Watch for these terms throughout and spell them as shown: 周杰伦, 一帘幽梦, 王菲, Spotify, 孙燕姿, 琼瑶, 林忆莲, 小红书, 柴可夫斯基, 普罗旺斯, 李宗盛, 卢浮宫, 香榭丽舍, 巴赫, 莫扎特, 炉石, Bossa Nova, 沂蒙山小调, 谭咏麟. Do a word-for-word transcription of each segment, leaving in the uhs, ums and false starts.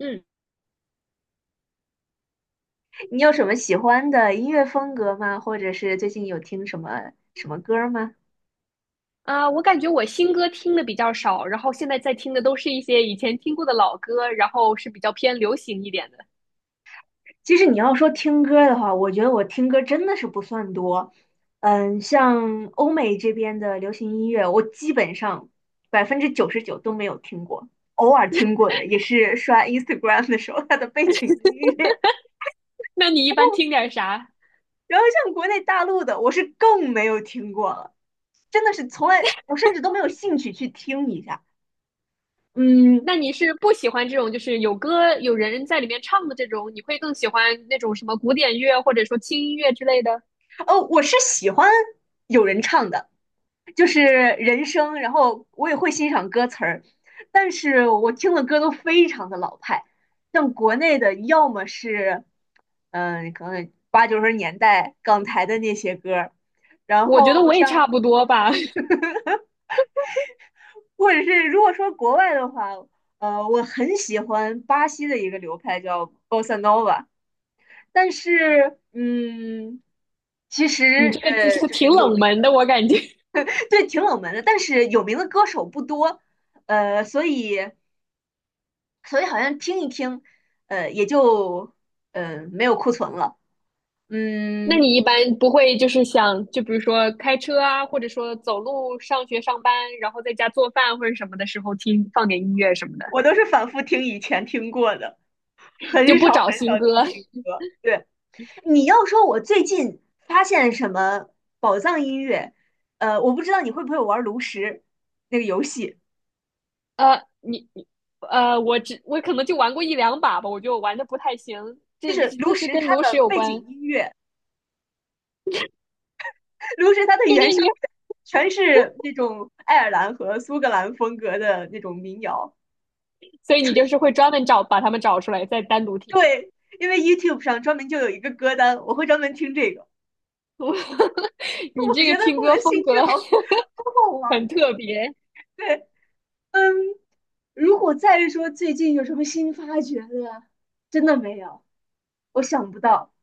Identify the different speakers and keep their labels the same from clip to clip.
Speaker 1: 嗯
Speaker 2: 你有什么喜欢的音乐风格吗？或者是最近有听什么什么歌吗？
Speaker 1: 啊，我感觉我新歌听的比较少，然后现在在听的都是一些以前听过的老歌，然后是比较偏流行一点的。
Speaker 2: 其实你要说听歌的话，我觉得我听歌真的是不算多。嗯，像欧美这边的流行音乐，我基本上百分之九十九都没有听过，偶尔听过的也是刷 Instagram 的时候它的背景音乐。
Speaker 1: 那你一般听点啥？
Speaker 2: 然后像国内大陆的，我是更没有听过了，真的是从来我甚至都没有兴趣去听一下。嗯，
Speaker 1: 那你是不喜欢这种就是有歌有人在里面唱的这种，你会更喜欢那种什么古典乐或者说轻音乐之类的？
Speaker 2: 哦，我是喜欢有人唱的，就是人声，然后我也会欣赏歌词儿，但是我听的歌都非常的老派，像国内的，要么是，嗯、可能八九十年代港台的那些歌儿，然
Speaker 1: 我觉得
Speaker 2: 后
Speaker 1: 我也差
Speaker 2: 像，
Speaker 1: 不多吧。
Speaker 2: 或者是如果说国外的话，呃，我很喜欢巴西的一个流派叫 Bossa Nova。但是，嗯，其
Speaker 1: 你
Speaker 2: 实，
Speaker 1: 这个就
Speaker 2: 呃，
Speaker 1: 是
Speaker 2: 就是
Speaker 1: 挺
Speaker 2: 有
Speaker 1: 冷
Speaker 2: 名。
Speaker 1: 门的，我感觉。
Speaker 2: 对，挺冷门的，但是有名的歌手不多，呃，所以所以好像听一听，呃，也就呃没有库存了。
Speaker 1: 那
Speaker 2: 嗯，
Speaker 1: 你一般不会就是想，就比如说开车啊，或者说走路上学上班，然后在家做饭或者什么的时候听放点音乐什么的？
Speaker 2: 我都是反复听以前听过的，
Speaker 1: 就
Speaker 2: 很
Speaker 1: 不
Speaker 2: 少很
Speaker 1: 找新
Speaker 2: 少听
Speaker 1: 歌。
Speaker 2: 新歌。对，你要说我最近发现什么宝藏音乐，呃，我不知道你会不会玩炉石那个游戏，
Speaker 1: 呃，你你呃，我只我可能就玩过一两把吧，我就玩的不太行，
Speaker 2: 就
Speaker 1: 这
Speaker 2: 是炉
Speaker 1: 这是
Speaker 2: 石
Speaker 1: 跟
Speaker 2: 它
Speaker 1: 炉石
Speaker 2: 的
Speaker 1: 有
Speaker 2: 背景
Speaker 1: 关。
Speaker 2: 音乐，卢神它的
Speaker 1: 你
Speaker 2: 原
Speaker 1: 你
Speaker 2: 声
Speaker 1: 你，
Speaker 2: 全是那种爱尔兰和苏格兰风格的那种民谣。
Speaker 1: 所以你就是会专门找把他们找出来，再单独听。
Speaker 2: 对，因为 YouTube 上专门就有一个歌单，我会专门听这个。
Speaker 1: 你
Speaker 2: 我
Speaker 1: 这个
Speaker 2: 觉得
Speaker 1: 听
Speaker 2: 我
Speaker 1: 歌
Speaker 2: 的
Speaker 1: 风
Speaker 2: 兴趣
Speaker 1: 格
Speaker 2: 好好好玩。
Speaker 1: 很特别。
Speaker 2: 对，嗯，如果再说最近有什么新发掘的，真的没有，我想不到。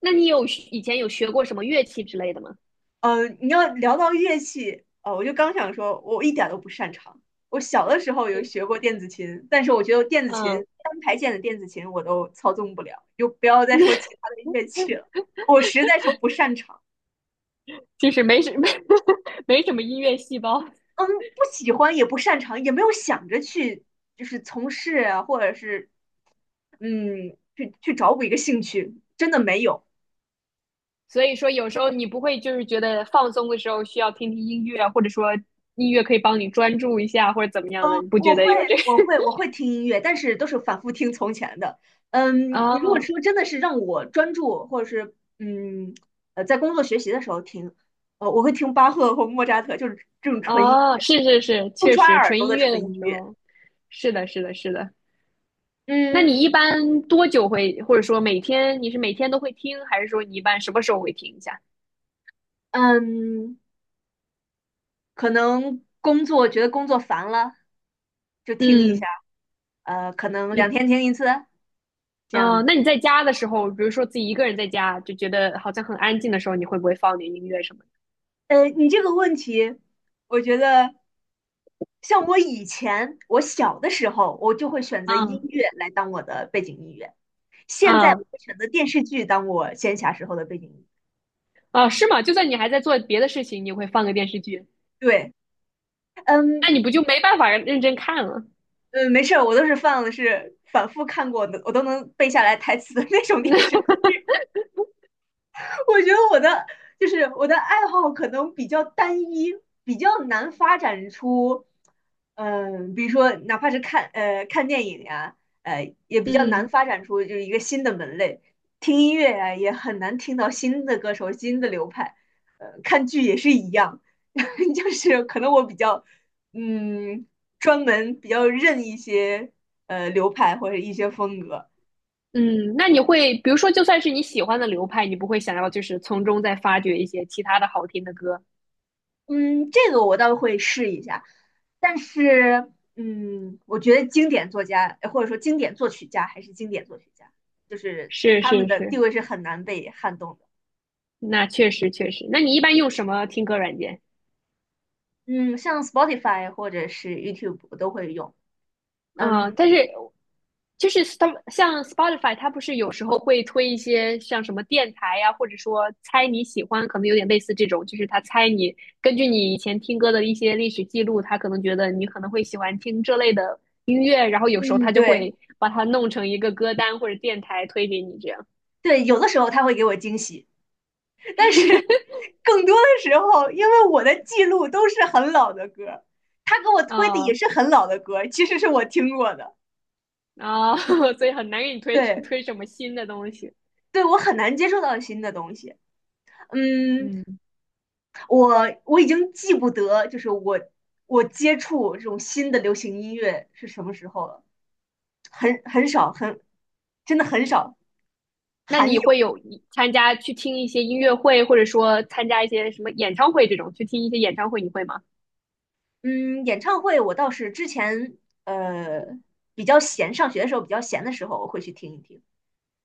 Speaker 1: 那你有以前有学过什么乐器之类的吗？
Speaker 2: 呃，你要聊到乐器，呃，我就刚想说，我一点儿都不擅长。我小的时候有学过电子琴，但是我觉得电子琴
Speaker 1: 嗯，
Speaker 2: 单排键的电子琴我都操纵不了，就不要再说其他的乐器了，我实在是不擅长。
Speaker 1: 就是没什没 没什么音乐细胞。
Speaker 2: 嗯，不喜欢也不擅长，也没有想着去就是从事啊，或者是嗯去去找补一个兴趣，真的没有。
Speaker 1: 所以说有时候你不会就是觉得放松的时候需要听听音乐，或者说音乐可以帮你专注一下，或者怎么样
Speaker 2: 嗯，
Speaker 1: 的，你不觉
Speaker 2: 我
Speaker 1: 得
Speaker 2: 会，
Speaker 1: 有这个？
Speaker 2: 我会，我会听音乐，但是都是反复听从前的。嗯，你如果
Speaker 1: 哦
Speaker 2: 说真的是让我专注，或者是嗯呃，在工作学习的时候听。呃，我会听巴赫或莫扎特，就是这种纯音
Speaker 1: 哦，
Speaker 2: 乐，
Speaker 1: 是是是，
Speaker 2: 不
Speaker 1: 确
Speaker 2: 抓
Speaker 1: 实
Speaker 2: 耳
Speaker 1: 纯
Speaker 2: 朵
Speaker 1: 音
Speaker 2: 的
Speaker 1: 乐
Speaker 2: 纯
Speaker 1: 的
Speaker 2: 音
Speaker 1: 时
Speaker 2: 乐。
Speaker 1: 候。是的，是的，是的。那
Speaker 2: 嗯
Speaker 1: 你一般多久会，或者说每天你是每天都会听，还是说你一般什么时候会听一下？
Speaker 2: 嗯，可能工作觉得工作烦了，就听一下。
Speaker 1: 嗯，
Speaker 2: 呃，可能
Speaker 1: 你
Speaker 2: 两天听一次这
Speaker 1: 嗯、呃
Speaker 2: 样。
Speaker 1: 那你在家的时候，比如说自己一个人在家，就觉得好像很安静的时候，你会不会放点音乐什么的？
Speaker 2: 呃，你这个问题，我觉得像我以前，我小的时候，我就会选择音
Speaker 1: 嗯
Speaker 2: 乐来当我的背景音乐。现在我
Speaker 1: 嗯
Speaker 2: 会选择电视剧当我闲暇时候的背景音
Speaker 1: 啊，是吗？就算你还在做别的事情，你会放个电视剧，
Speaker 2: 乐。对，嗯
Speaker 1: 那你不就没办法认真看了？
Speaker 2: 嗯，没事儿，我都是放的是反复看过的，我都能背下来台词的那种电视。 我觉得我的就是我的爱好可能比较单一，比较难发展出，嗯、比如说哪怕是看呃看电影呀、呃也比较难
Speaker 1: 嗯
Speaker 2: 发展出就是一个新的门类。听音乐呀、也很难听到新的歌手、新的流派。呃，看剧也是一样。就是可能我比较嗯专门比较认一些呃流派或者一些风格。
Speaker 1: 嗯，那你会，比如说，就算是你喜欢的流派，你不会想要就是从中再发掘一些其他的好听的歌？
Speaker 2: 嗯，这个我倒会试一下，但是，嗯，我觉得经典作家呃或者说经典作曲家还是经典作曲家，就是
Speaker 1: 是
Speaker 2: 他
Speaker 1: 是
Speaker 2: 们的地
Speaker 1: 是，
Speaker 2: 位是很难被撼动的。
Speaker 1: 那确实确实。那你一般用什么听歌软件？
Speaker 2: 嗯，像 Spotify 或者是 YouTube 我都会用。
Speaker 1: 嗯，
Speaker 2: 嗯
Speaker 1: 但是就是他们像 Spotify，它不是有时候会推一些像什么电台呀、或者说猜你喜欢，可能有点类似这种，就是他猜你根据你以前听歌的一些历史记录，他可能觉得你可能会喜欢听这类的音乐，然后有时候他
Speaker 2: 嗯，
Speaker 1: 就
Speaker 2: 对
Speaker 1: 会把它弄成一个歌单或者电台推给你这样。
Speaker 2: 对，有的时候他会给我惊喜，更多的时候因为我的记录都是很老的歌，他给我推的也
Speaker 1: 啊
Speaker 2: 是很老的歌，其实是我听过的。
Speaker 1: 啊、所以很难给你推
Speaker 2: 对
Speaker 1: 推什么新的东西。
Speaker 2: 对，我很难接受到新的东西。嗯，
Speaker 1: 嗯
Speaker 2: 我我已经记不得，就是我我接触这种新的流行音乐是什么时候了，很很少，很真的很少，
Speaker 1: 那
Speaker 2: 罕
Speaker 1: 你
Speaker 2: 有。
Speaker 1: 会有参加去听一些音乐会，或者说参加一些什么演唱会这种，去听一些演唱会，你会吗？
Speaker 2: 嗯，演唱会我倒是之前呃比较闲，上学的时候比较闲的时候我会去听一听，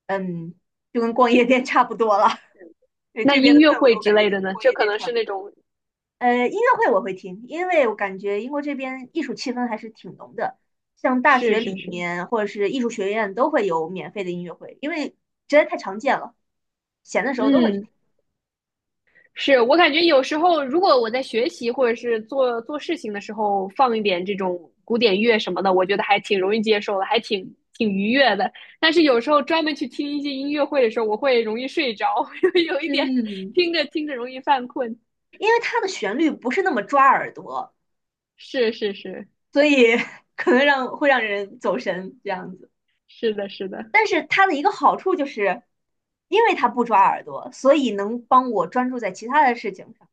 Speaker 2: 嗯，就跟逛夜店差不多了。对，
Speaker 1: 那
Speaker 2: 这边
Speaker 1: 音
Speaker 2: 的
Speaker 1: 乐
Speaker 2: 氛围
Speaker 1: 会
Speaker 2: 我
Speaker 1: 之
Speaker 2: 感觉
Speaker 1: 类
Speaker 2: 就
Speaker 1: 的
Speaker 2: 跟
Speaker 1: 呢？
Speaker 2: 逛
Speaker 1: 这
Speaker 2: 夜
Speaker 1: 可
Speaker 2: 店
Speaker 1: 能
Speaker 2: 差不
Speaker 1: 是
Speaker 2: 多。
Speaker 1: 那种。
Speaker 2: 呃，音乐会我会听，因为我感觉英国这边艺术气氛还是挺浓的，像大
Speaker 1: 是
Speaker 2: 学
Speaker 1: 是
Speaker 2: 里
Speaker 1: 是。
Speaker 2: 面或者是艺术学院都会有免费的音乐会，因为实在太常见了，闲的时候都会去
Speaker 1: 嗯，
Speaker 2: 听。
Speaker 1: 是我感觉有时候，如果我在学习或者是做做事情的时候放一点这种古典乐什么的，我觉得还挺容易接受的，还挺挺愉悦的。但是有时候专门去听一些音乐会的时候，我会容易睡着，有一点
Speaker 2: 嗯，
Speaker 1: 听着听着容易犯困。
Speaker 2: 因为它的旋律不是那么抓耳朵，
Speaker 1: 是是是，
Speaker 2: 所以 可能让会让人走神这样子。
Speaker 1: 是的，是的。
Speaker 2: 但是它的一个好处就是，因为它不抓耳朵，所以能帮我专注在其他的事情上。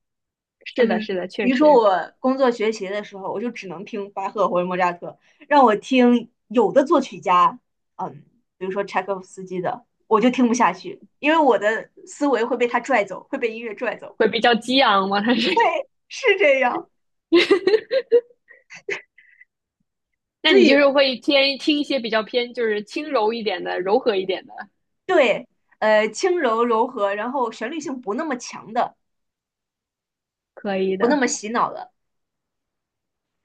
Speaker 1: 是的，
Speaker 2: 嗯，
Speaker 1: 是的，确
Speaker 2: 比如说
Speaker 1: 实
Speaker 2: 我工作学习的时候，我就只能听巴赫或者莫扎特，让我听有的作曲家，嗯，比如说柴可夫斯基的，我就听不下去，因为我的思维会被他拽走，会被音乐拽走，
Speaker 1: 会比较激昂嘛，它是。
Speaker 2: 是这样。
Speaker 1: 那
Speaker 2: 所
Speaker 1: 你就
Speaker 2: 以
Speaker 1: 是会偏听一些比较偏就是轻柔一点的、柔和一点的，
Speaker 2: 对，呃，轻柔柔和，然后旋律性不那么强的，
Speaker 1: 可以
Speaker 2: 不那
Speaker 1: 的。
Speaker 2: 么洗脑的，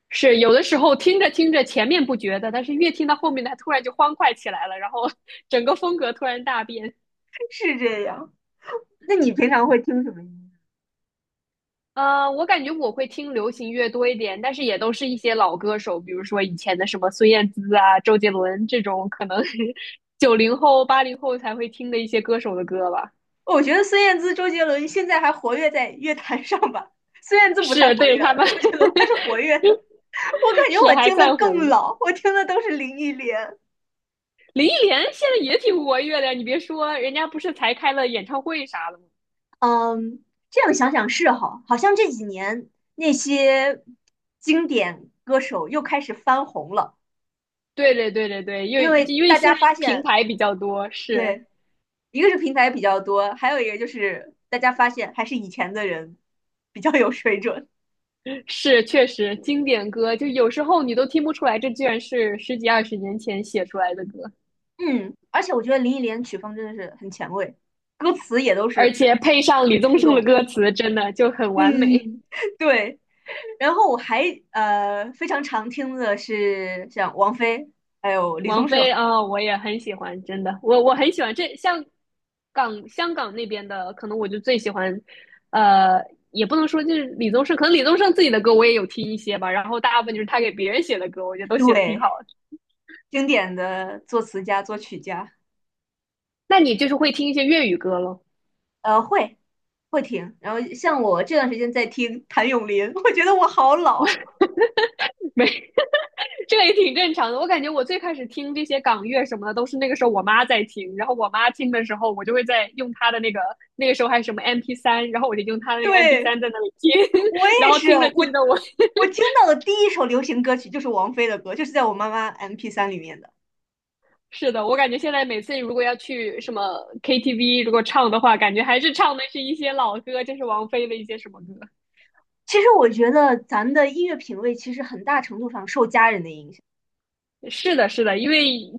Speaker 1: 是有的时候听着听着前面不觉得，但是越听到后面，它突然就欢快起来了，然后 整个风格突然大变。
Speaker 2: 是这样。那你平常会听什么音乐？
Speaker 1: 呃，我感觉我会听流行乐多一点，但是也都是一些老歌手，比如说以前的什么孙燕姿啊、周杰伦这种，可能 是九零后、八零后才会听的一些歌手的歌吧。
Speaker 2: 我觉得孙燕姿、周杰伦现在还活跃在乐坛上吧。孙燕姿不太
Speaker 1: 是
Speaker 2: 活
Speaker 1: 对
Speaker 2: 跃
Speaker 1: 着他
Speaker 2: 了，
Speaker 1: 们。
Speaker 2: 周杰伦还是活 跃的。我感 觉
Speaker 1: 是
Speaker 2: 我
Speaker 1: 还
Speaker 2: 听的
Speaker 1: 算活
Speaker 2: 更
Speaker 1: 跃。
Speaker 2: 老，我听的都是林忆莲。
Speaker 1: 林忆莲现在也挺活跃的，你别说，人家不是才开了演唱会啥的吗？
Speaker 2: 嗯，这样想想是哈，好像这几年那些经典歌手又开始翻红了，
Speaker 1: 对对对对对，因
Speaker 2: 因
Speaker 1: 为
Speaker 2: 为
Speaker 1: 因为
Speaker 2: 大
Speaker 1: 现
Speaker 2: 家
Speaker 1: 在
Speaker 2: 发
Speaker 1: 平
Speaker 2: 现，
Speaker 1: 台比较多，是。
Speaker 2: 对，一个是平台比较多，还有一个就是大家发现还是以前的人比较有水准。
Speaker 1: 是确实经典歌，就有时候你都听不出来，这居然是十几二十年前写出来的歌，
Speaker 2: 嗯，而且我觉得林忆莲曲风真的是很前卫，歌词也都
Speaker 1: 而
Speaker 2: 是
Speaker 1: 且配上李
Speaker 2: 很
Speaker 1: 宗
Speaker 2: 触
Speaker 1: 盛的
Speaker 2: 动。
Speaker 1: 歌词，真的就很完美。
Speaker 2: 嗯，对。然后我还呃非常常听的是像王菲，还有李
Speaker 1: 王
Speaker 2: 宗
Speaker 1: 菲
Speaker 2: 盛。
Speaker 1: 啊、我也很喜欢，真的，我我很喜欢这像港香港那边的，可能我就最喜欢，呃，也不能说就是李宗盛，可能李宗盛自己的歌我也有听一些吧，然后大部分就
Speaker 2: 嗯，
Speaker 1: 是他给别人写的歌，我觉得都写的挺
Speaker 2: 对，
Speaker 1: 好的。
Speaker 2: 经典的作词家、作曲家。
Speaker 1: 那你就是会听一些粤语歌咯。
Speaker 2: 呃，会会听。然后像我这段时间在听谭咏麟，我觉得我好老。
Speaker 1: 没，这个也挺正常的。我感觉我最开始听这些港乐什么的，都是那个时候我妈在听，然后我妈听的时候，我就会在用她的那个，那个时候还是什么 MP 三，然后我就用她的那个 MP
Speaker 2: 对，
Speaker 1: 三在那里听，
Speaker 2: 我
Speaker 1: 然
Speaker 2: 也
Speaker 1: 后
Speaker 2: 是，
Speaker 1: 听着
Speaker 2: 我
Speaker 1: 听着我。
Speaker 2: 我听到的第一首流行歌曲就是王菲的歌，就是在我妈妈 m p 三里面的。
Speaker 1: 是的，我感觉现在每次如果要去什么 K T V，如果唱的话，感觉还是唱的是一些老歌，就是王菲的一些什么歌。
Speaker 2: 其实我觉得咱们的音乐品味其实很大程度上受家人的影响。
Speaker 1: 是的，是的，因为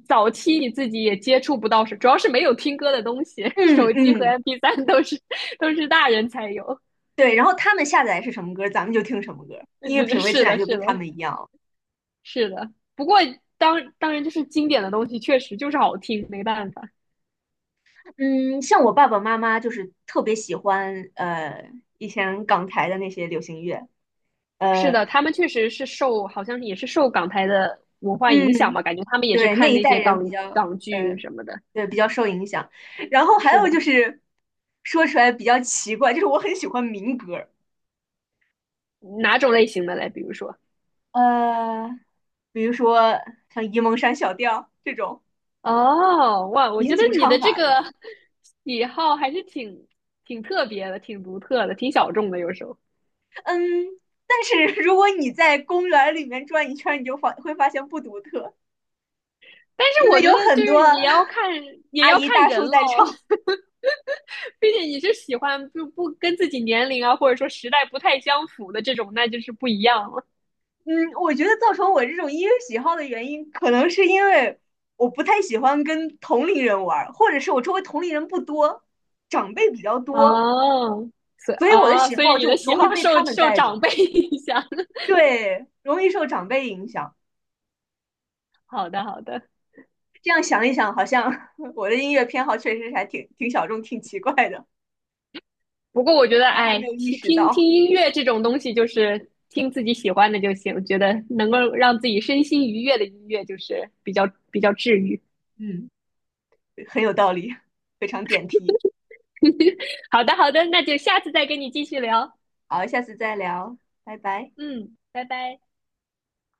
Speaker 1: 早期你自己也接触不到，主要是没有听歌的东西，
Speaker 2: 嗯
Speaker 1: 手机和
Speaker 2: 嗯，
Speaker 1: M P 三 都是都是大人才有。
Speaker 2: 对，然后他们下载是什么歌，咱们就听什么歌，音乐 品味自
Speaker 1: 是
Speaker 2: 然
Speaker 1: 的，
Speaker 2: 就
Speaker 1: 是
Speaker 2: 跟
Speaker 1: 的，
Speaker 2: 他们一样了。
Speaker 1: 是的。不过当当然就是经典的东西，确实就是好听，没办法。
Speaker 2: 嗯，像我爸爸妈妈就是特别喜欢呃以前港台的那些流行乐。
Speaker 1: 是
Speaker 2: 呃，
Speaker 1: 的，他们确实是受，好像也是受港台的文化影响
Speaker 2: 嗯，
Speaker 1: 吧，感觉他们也是
Speaker 2: 对，那
Speaker 1: 看
Speaker 2: 一
Speaker 1: 那
Speaker 2: 代
Speaker 1: 些
Speaker 2: 人比
Speaker 1: 港
Speaker 2: 较
Speaker 1: 港
Speaker 2: 呃
Speaker 1: 剧什么的。
Speaker 2: 对比较受影响。然后还
Speaker 1: 是
Speaker 2: 有
Speaker 1: 的。
Speaker 2: 就是说出来比较奇怪，就是我很喜欢民歌，
Speaker 1: 哪种类型的嘞？比如说，
Speaker 2: 呃，比如说像沂蒙山小调这种
Speaker 1: 哦，哇，我
Speaker 2: 民
Speaker 1: 觉得
Speaker 2: 族
Speaker 1: 你的
Speaker 2: 唱
Speaker 1: 这
Speaker 2: 法
Speaker 1: 个
Speaker 2: 这种。
Speaker 1: 喜好还是挺挺特别的，挺独特的，挺小众的，有时候。
Speaker 2: 嗯，但是如果你在公园里面转一圈，你就发会发现不独特，
Speaker 1: 但是
Speaker 2: 因为
Speaker 1: 我觉
Speaker 2: 有
Speaker 1: 得就
Speaker 2: 很多
Speaker 1: 是你要看，也
Speaker 2: 阿
Speaker 1: 要
Speaker 2: 姨
Speaker 1: 看
Speaker 2: 大
Speaker 1: 人
Speaker 2: 叔
Speaker 1: 喽。
Speaker 2: 在唱。
Speaker 1: 毕竟你是喜欢就不跟自己年龄啊，或者说时代不太相符的这种，那就是不一样了。
Speaker 2: 嗯，我觉得造成我这种音乐喜好的原因，可能是因为我不太喜欢跟同龄人玩，或者是我周围同龄人不多，长辈比较多，
Speaker 1: 哦，所
Speaker 2: 所以我的
Speaker 1: 哦，
Speaker 2: 喜
Speaker 1: 所以
Speaker 2: 好
Speaker 1: 你的
Speaker 2: 就
Speaker 1: 喜
Speaker 2: 容易
Speaker 1: 好
Speaker 2: 被他
Speaker 1: 受
Speaker 2: 们
Speaker 1: 受
Speaker 2: 带
Speaker 1: 长
Speaker 2: 着。
Speaker 1: 辈影响。
Speaker 2: 对，容易受长辈影响。
Speaker 1: 好的，好的。
Speaker 2: 这样想一想，好像我的音乐偏好确实还挺挺小众、挺奇怪的，
Speaker 1: 不过我觉得，
Speaker 2: 但还
Speaker 1: 哎，
Speaker 2: 没有意
Speaker 1: 听
Speaker 2: 识
Speaker 1: 听
Speaker 2: 到。
Speaker 1: 听音乐这种东西，就是听自己喜欢的就行。我觉得能够让自己身心愉悦的音乐，就是比较比较治愈。
Speaker 2: 嗯。很有道理，非常点题。
Speaker 1: 好的，好的，那就下次再跟你继续聊。
Speaker 2: 好，下次再聊，拜拜。
Speaker 1: 嗯，拜拜。